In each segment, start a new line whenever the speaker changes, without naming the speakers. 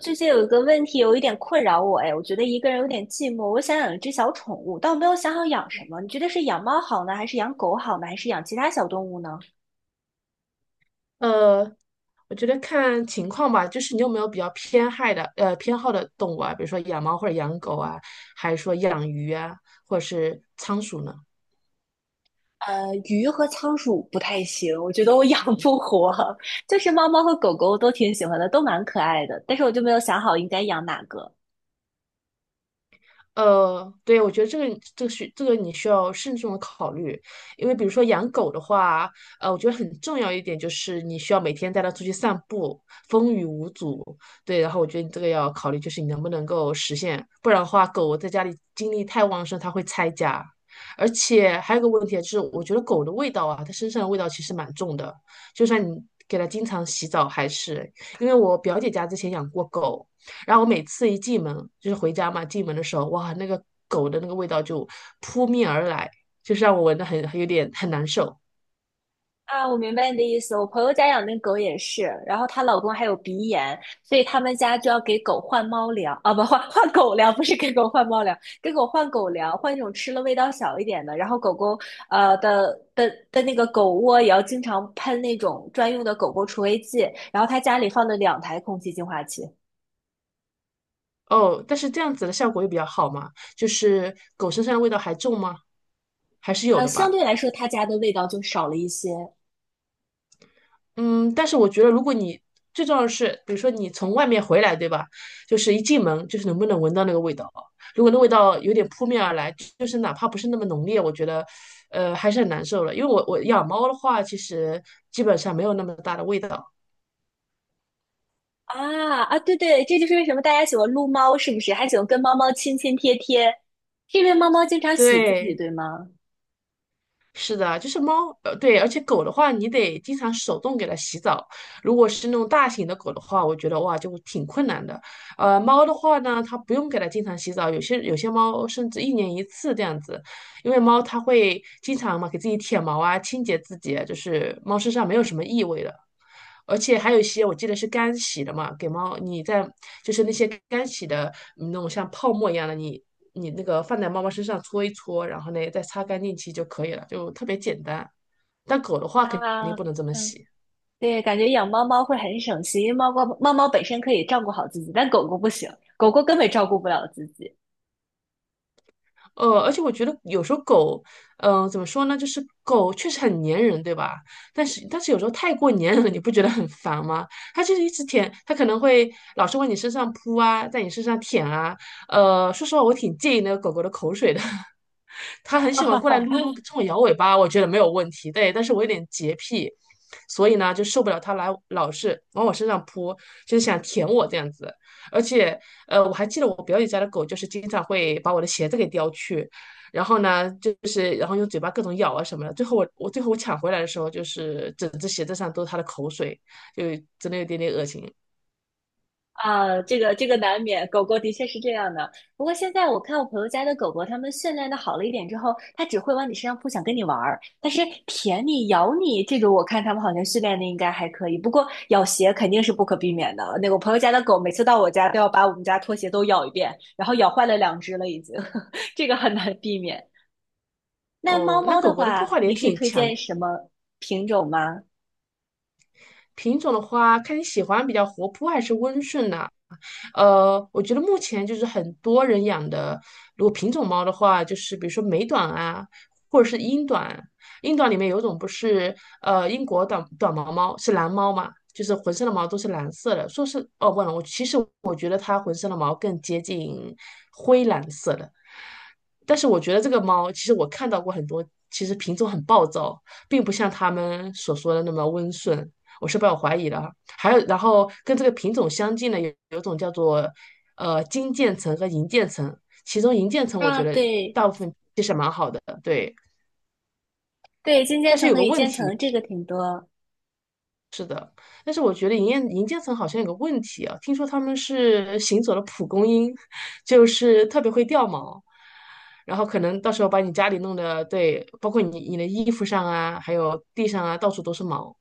最近有一个问题有一点困扰我，哎，我觉得一个人有点寂寞，我想养一只小宠物，但我没有想好养什么。你觉得是养猫好呢，还是养狗好呢，还是养其他小动物呢？
呃，我觉得看情况吧，就是你有没有比较偏爱的偏好的动物啊，比如说养猫或者养狗啊，还是说养鱼啊，或者是仓鼠呢？
鱼和仓鼠不太行，我觉得我养不活。就是猫猫和狗狗我都挺喜欢的，都蛮可爱的，但是我就没有想好应该养哪个。
对，我觉得这个这个需这个你需要慎重的考虑，因为比如说养狗的话，我觉得很重要一点就是你需要每天带它出去散步，风雨无阻。对，然后我觉得你这个要考虑，就是你能不能够实现，不然的话，狗在家里精力太旺盛，它会拆家。而且还有个问题啊就是，我觉得狗的味道啊，它身上的味道其实蛮重的，就算你给它经常洗澡，还是因为我表姐家之前养过狗。然后我每次一进门，就是回家嘛，进门的时候，哇，那个狗的那个味道就扑面而来，就是让我闻的很有点很难受。
啊，我明白你的意思。我朋友家养那狗也是，然后她老公还有鼻炎，所以他们家就要给狗换猫粮啊，不换换狗粮，不是给狗换猫粮，给狗换狗粮，换一种吃了味道小一点的。然后狗狗的那个狗窝也要经常喷那种专用的狗狗除味剂。然后他家里放了两台空气净化器，
哦，但是这样子的效果又比较好嘛，就是狗身上的味道还重吗？还是有的
相
吧。
对来说他家的味道就少了一些。
嗯，但是我觉得，如果你最重要的是，比如说你从外面回来，对吧？就是一进门，就是能不能闻到那个味道。如果那味道有点扑面而来，就是哪怕不是那么浓烈，我觉得，还是很难受了。因为我养猫的话，其实基本上没有那么大的味道。
啊啊，对对，这就是为什么大家喜欢撸猫，是不是？还喜欢跟猫猫亲亲贴贴，是因为猫猫经常洗自己，
对，
对吗？
是的，就是猫，对，而且狗的话，你得经常手动给它洗澡。如果是那种大型的狗的话，我觉得哇，就挺困难的。猫的话呢，它不用给它经常洗澡，有些猫甚至一年一次这样子，因为猫它会经常嘛给自己舔毛啊，清洁自己啊就是猫身上没有什么异味的。而且还有一些我记得是干洗的嘛，给猫你在就是那些干洗的嗯那种像泡沫一样的，你那个放在猫猫身上搓一搓，然后呢再擦干净其实就可以了，就特别简单。但狗的话肯
啊，
定不能这么
嗯，
洗。
对，感觉养猫猫会很省心，因为猫猫本身可以照顾好自己，但狗狗不行，狗狗根本照顾不了自己。
而且我觉得有时候狗，嗯，怎么说呢？就是狗确实很粘人，对吧？但是有时候太过粘人了，你不觉得很烦吗？它就是一直舔，它可能会老是往你身上扑啊，在你身上舔啊。说实话，我挺介意那个狗狗的口水的。它很喜欢过来撸撸，冲我摇尾巴，我觉得没有问题。对，但是我有点洁癖，所以呢就受不了它来老是往我身上扑，就是想舔我这样子。而且，我还记得我表姐家的狗就是经常会把我的鞋子给叼去，然后呢，就是然后用嘴巴各种咬啊什么的。最后我抢回来的时候，就是整只鞋子上都是它的口水，就真的有点点恶心。
啊，这个难免，狗狗的确是这样的。不过现在我看我朋友家的狗狗，它们训练的好了一点之后，它只会往你身上扑，想跟你玩儿。但是舔你、咬你这种，我看它们好像训练的应该还可以。不过咬鞋肯定是不可避免的。那个我朋友家的狗，每次到我家都要把我们家拖鞋都咬一遍，然后咬坏了两只了已经，这个很难避免。那猫
哦，那
猫的
狗狗的破
话，
坏力也
你是
挺
推
强
荐
的。
什么品种吗？
品种的话，看你喜欢比较活泼还是温顺呐、我觉得目前就是很多人养的，如果品种猫的话，就是比如说美短啊，或者是英短。英短里面有一种不是英国短毛猫是蓝猫嘛，就是浑身的毛都是蓝色的。说是哦，忘了，我其实我觉得它浑身的毛更接近灰蓝色的。但是我觉得这个猫，其实我看到过很多，其实品种很暴躁，并不像他们所说的那么温顺。我是抱有怀疑的啊。还有，然后跟这个品种相近的有一种叫做金渐层和银渐层，其中银渐层我觉
啊，
得
对
大部分其实蛮好的，对。
对，金渐
但是
层
有
和
个
一
问
渐
题，
层这个挺多。
但是我觉得银渐层好像有个问题啊，听说他们是行走的蒲公英，就是特别会掉毛，然后可能到时候把你家里弄得，对，包括你的衣服上啊，还有地上啊，到处都是毛。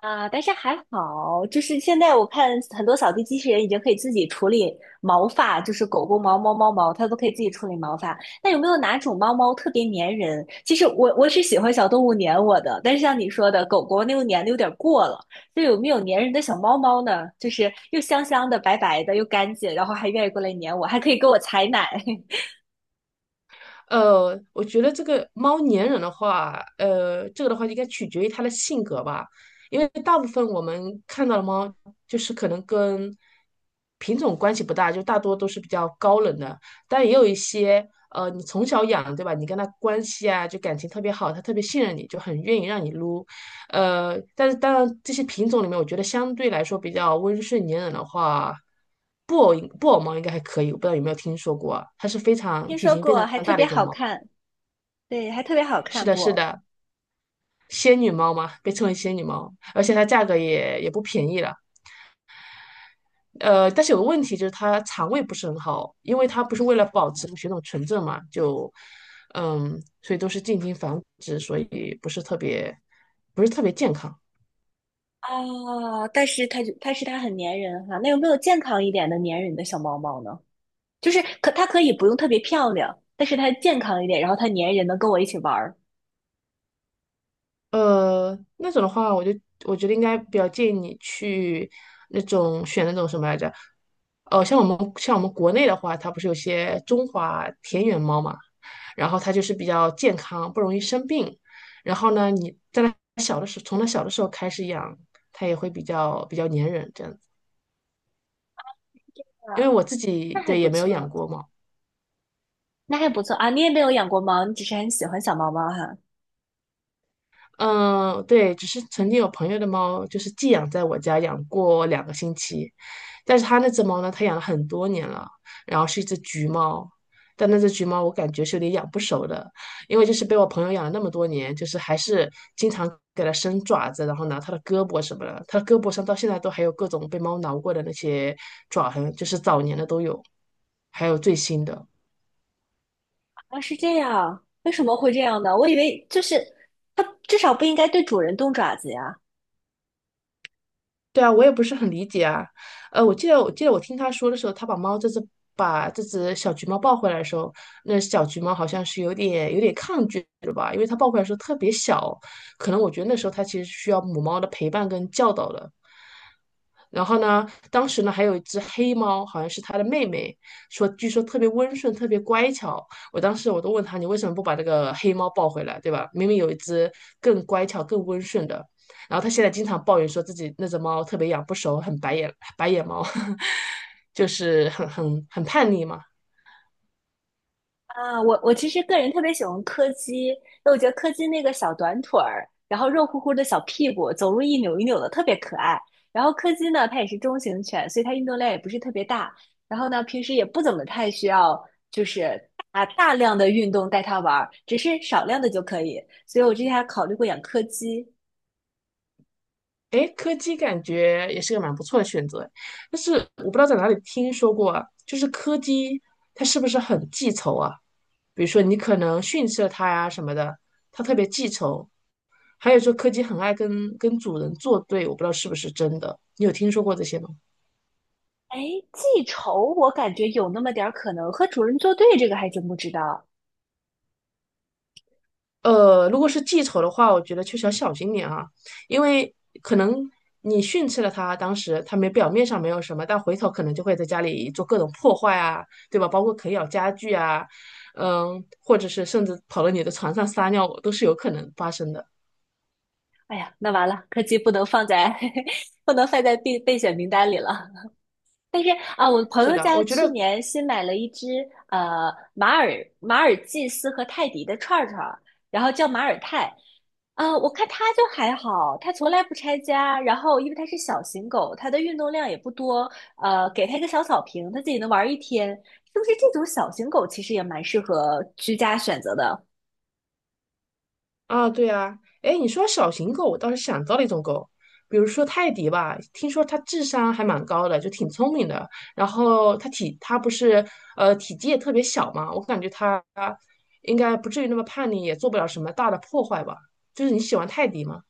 啊，但是还好，就是现在我看很多扫地机器人已经可以自己处理毛发，就是狗狗毛、猫猫毛，它都可以自己处理毛发。那有没有哪种猫猫特别粘人？其实我是喜欢小动物粘我的，但是像你说的，狗狗那个粘的有点过了。就有没有粘人的小猫猫呢？就是又香香的、白白的，又干净，然后还愿意过来粘我，还可以给我采奶。
我觉得这个猫粘人的话，这个的话应该取决于它的性格吧，因为大部分我们看到的猫就是可能跟品种关系不大，就大多都是比较高冷的，但也有一些，你从小养，对吧？你跟它关系啊，就感情特别好，它特别信任你，就很愿意让你撸。但是当然，这些品种里面，我觉得相对来说比较温顺粘人的话，布偶猫应该还可以，我不知道有没有听说过啊它是非常
听
体
说
型非
过，
常
还特
大的
别
一种
好
猫。
看，对，还特别好
是
看
的，是
不？
的，仙女猫嘛，被称为仙女猫，而且它价格也不便宜了。但是有个问题就是它肠胃不是很好，因为它不是为了保持血统纯正嘛，就嗯，所以都是进行繁殖，所以不是特别健康。
哦，但是它很粘人哈，那有没有健康一点的粘人的小猫猫呢？就是可它可以不用特别漂亮，但是它健康一点，然后它粘人能跟我一起玩儿。
那种的话，我觉得应该比较建议你去选那种什么来着？哦，像我们国内的话，它不是有些中华田园猫嘛，然后它就是比较健康，不容易生病。然后呢，你在它小的时候，从它小的时候开始养，它也会比较粘人这样子。因为
啊，
我自己
那还
对
不
也没有养
错，
过猫。
那还不错啊！你也没有养过猫，你只是很喜欢小猫猫哈。
嗯，对，只是曾经有朋友的猫就是寄养在我家养过两个星期，但是他那只猫呢，它养了很多年了，然后是一只橘猫，但那只橘猫我感觉是有点养不熟的，因为就是被我朋友养了那么多年，就是还是经常给它伸爪子，然后拿它的胳膊什么的，它的胳膊上到现在都还有各种被猫挠过的那些爪痕，就是早年的都有，还有最新的。
啊，是这样，为什么会这样呢？我以为就是它至少不应该对主人动爪子呀。
对啊，我也不是很理解啊。我记得我听他说的时候，他把这只小橘猫抱回来的时候，那小橘猫好像是有点抗拒的吧，因为它抱回来的时候特别小，可能我觉得那时候它其实需要母猫的陪伴跟教导的。然后呢，当时呢还有一只黑猫，好像是它的妹妹，据说特别温顺，特别乖巧。我当时我都问他，你为什么不把这个黑猫抱回来，对吧？明明有一只更乖巧、更温顺的。然后他现在经常抱怨说自己那只猫特别养不熟，很白眼猫，就是很叛逆嘛。
啊，我其实个人特别喜欢柯基，因为我觉得柯基那个小短腿儿，然后肉乎乎的小屁股，走路一扭一扭的，特别可爱。然后柯基呢，它也是中型犬，所以它运动量也不是特别大。然后呢，平时也不怎么太需要，就是大大量的运动带它玩儿，只是少量的就可以。所以我之前还考虑过养柯基。
哎，柯基感觉也是个蛮不错的选择，但是我不知道在哪里听说过啊，就是柯基它是不是很记仇啊？比如说你可能训斥了它呀什么的，它特别记仇。还有说柯基很爱跟主人作对，我不知道是不是真的，你有听说过这些吗？
哎，记仇我感觉有那么点儿可能，和主人作对这个还真不知道。
如果是记仇的话，我觉得确实要小心点啊，因为可能你训斥了他，当时他没表面上没有什么，但回头可能就会在家里做各种破坏啊，对吧？包括啃咬家具啊，嗯，或者是甚至跑到你的床上撒尿，都是有可能发生的。
哎呀，那完了，柯基不能放在 不能放在备选名单里了。但是啊，我朋
是
友
的，
家
我觉
去
得
年新买了一只呃马尔马尔济斯和泰迪的串儿，然后叫马尔泰。啊，我看它就还好，它从来不拆家。然后，因为它是小型狗，它的运动量也不多。呃，给它一个小草坪，它自己能玩一天。是不是这种小型狗其实也蛮适合居家选择的？
啊，对啊，哎，你说小型狗，我倒是想到了一种狗，比如说泰迪吧，听说它智商还蛮高的，就挺聪明的。然后它体，它不是体积也特别小嘛，我感觉它应该不至于那么叛逆，也做不了什么大的破坏吧。就是你喜欢泰迪吗？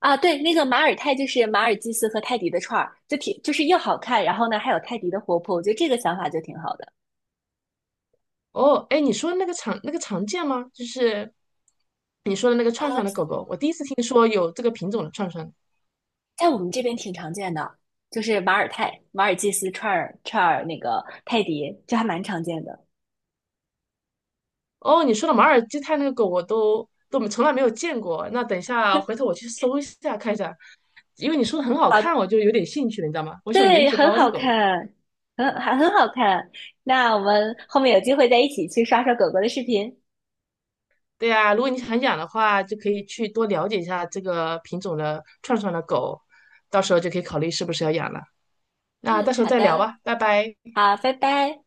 啊，对，那个马尔泰就是马尔济斯和泰迪的串儿，就是又好看，然后呢还有泰迪的活泼，我觉得这个想法就挺好的。
哦，哎，你说那个常那个常见吗？就是你说的那个串串的狗
啊。
狗，我第一次听说有这个品种的串串。
在我们这边挺常见的，就是马尔泰、马尔济斯串儿那个泰迪，就还蛮常见的。
哦，你说的马尔济泰那个狗我都从来没有见过。那等一下回头我去搜一下看一下，因为你说的很好
啊。
看，我就有点兴趣了，你知道吗？我喜欢颜
对，
值
很
高的
好
狗。
看，很好看。那我们后面有机会再一起去刷刷狗狗的视频。
对呀，如果你想养的话，就可以去多了解一下这个品种的串串的狗，到时候就可以考虑是不是要养了。那到
嗯，
时候
好
再聊
的，
吧，拜拜。
好，拜拜。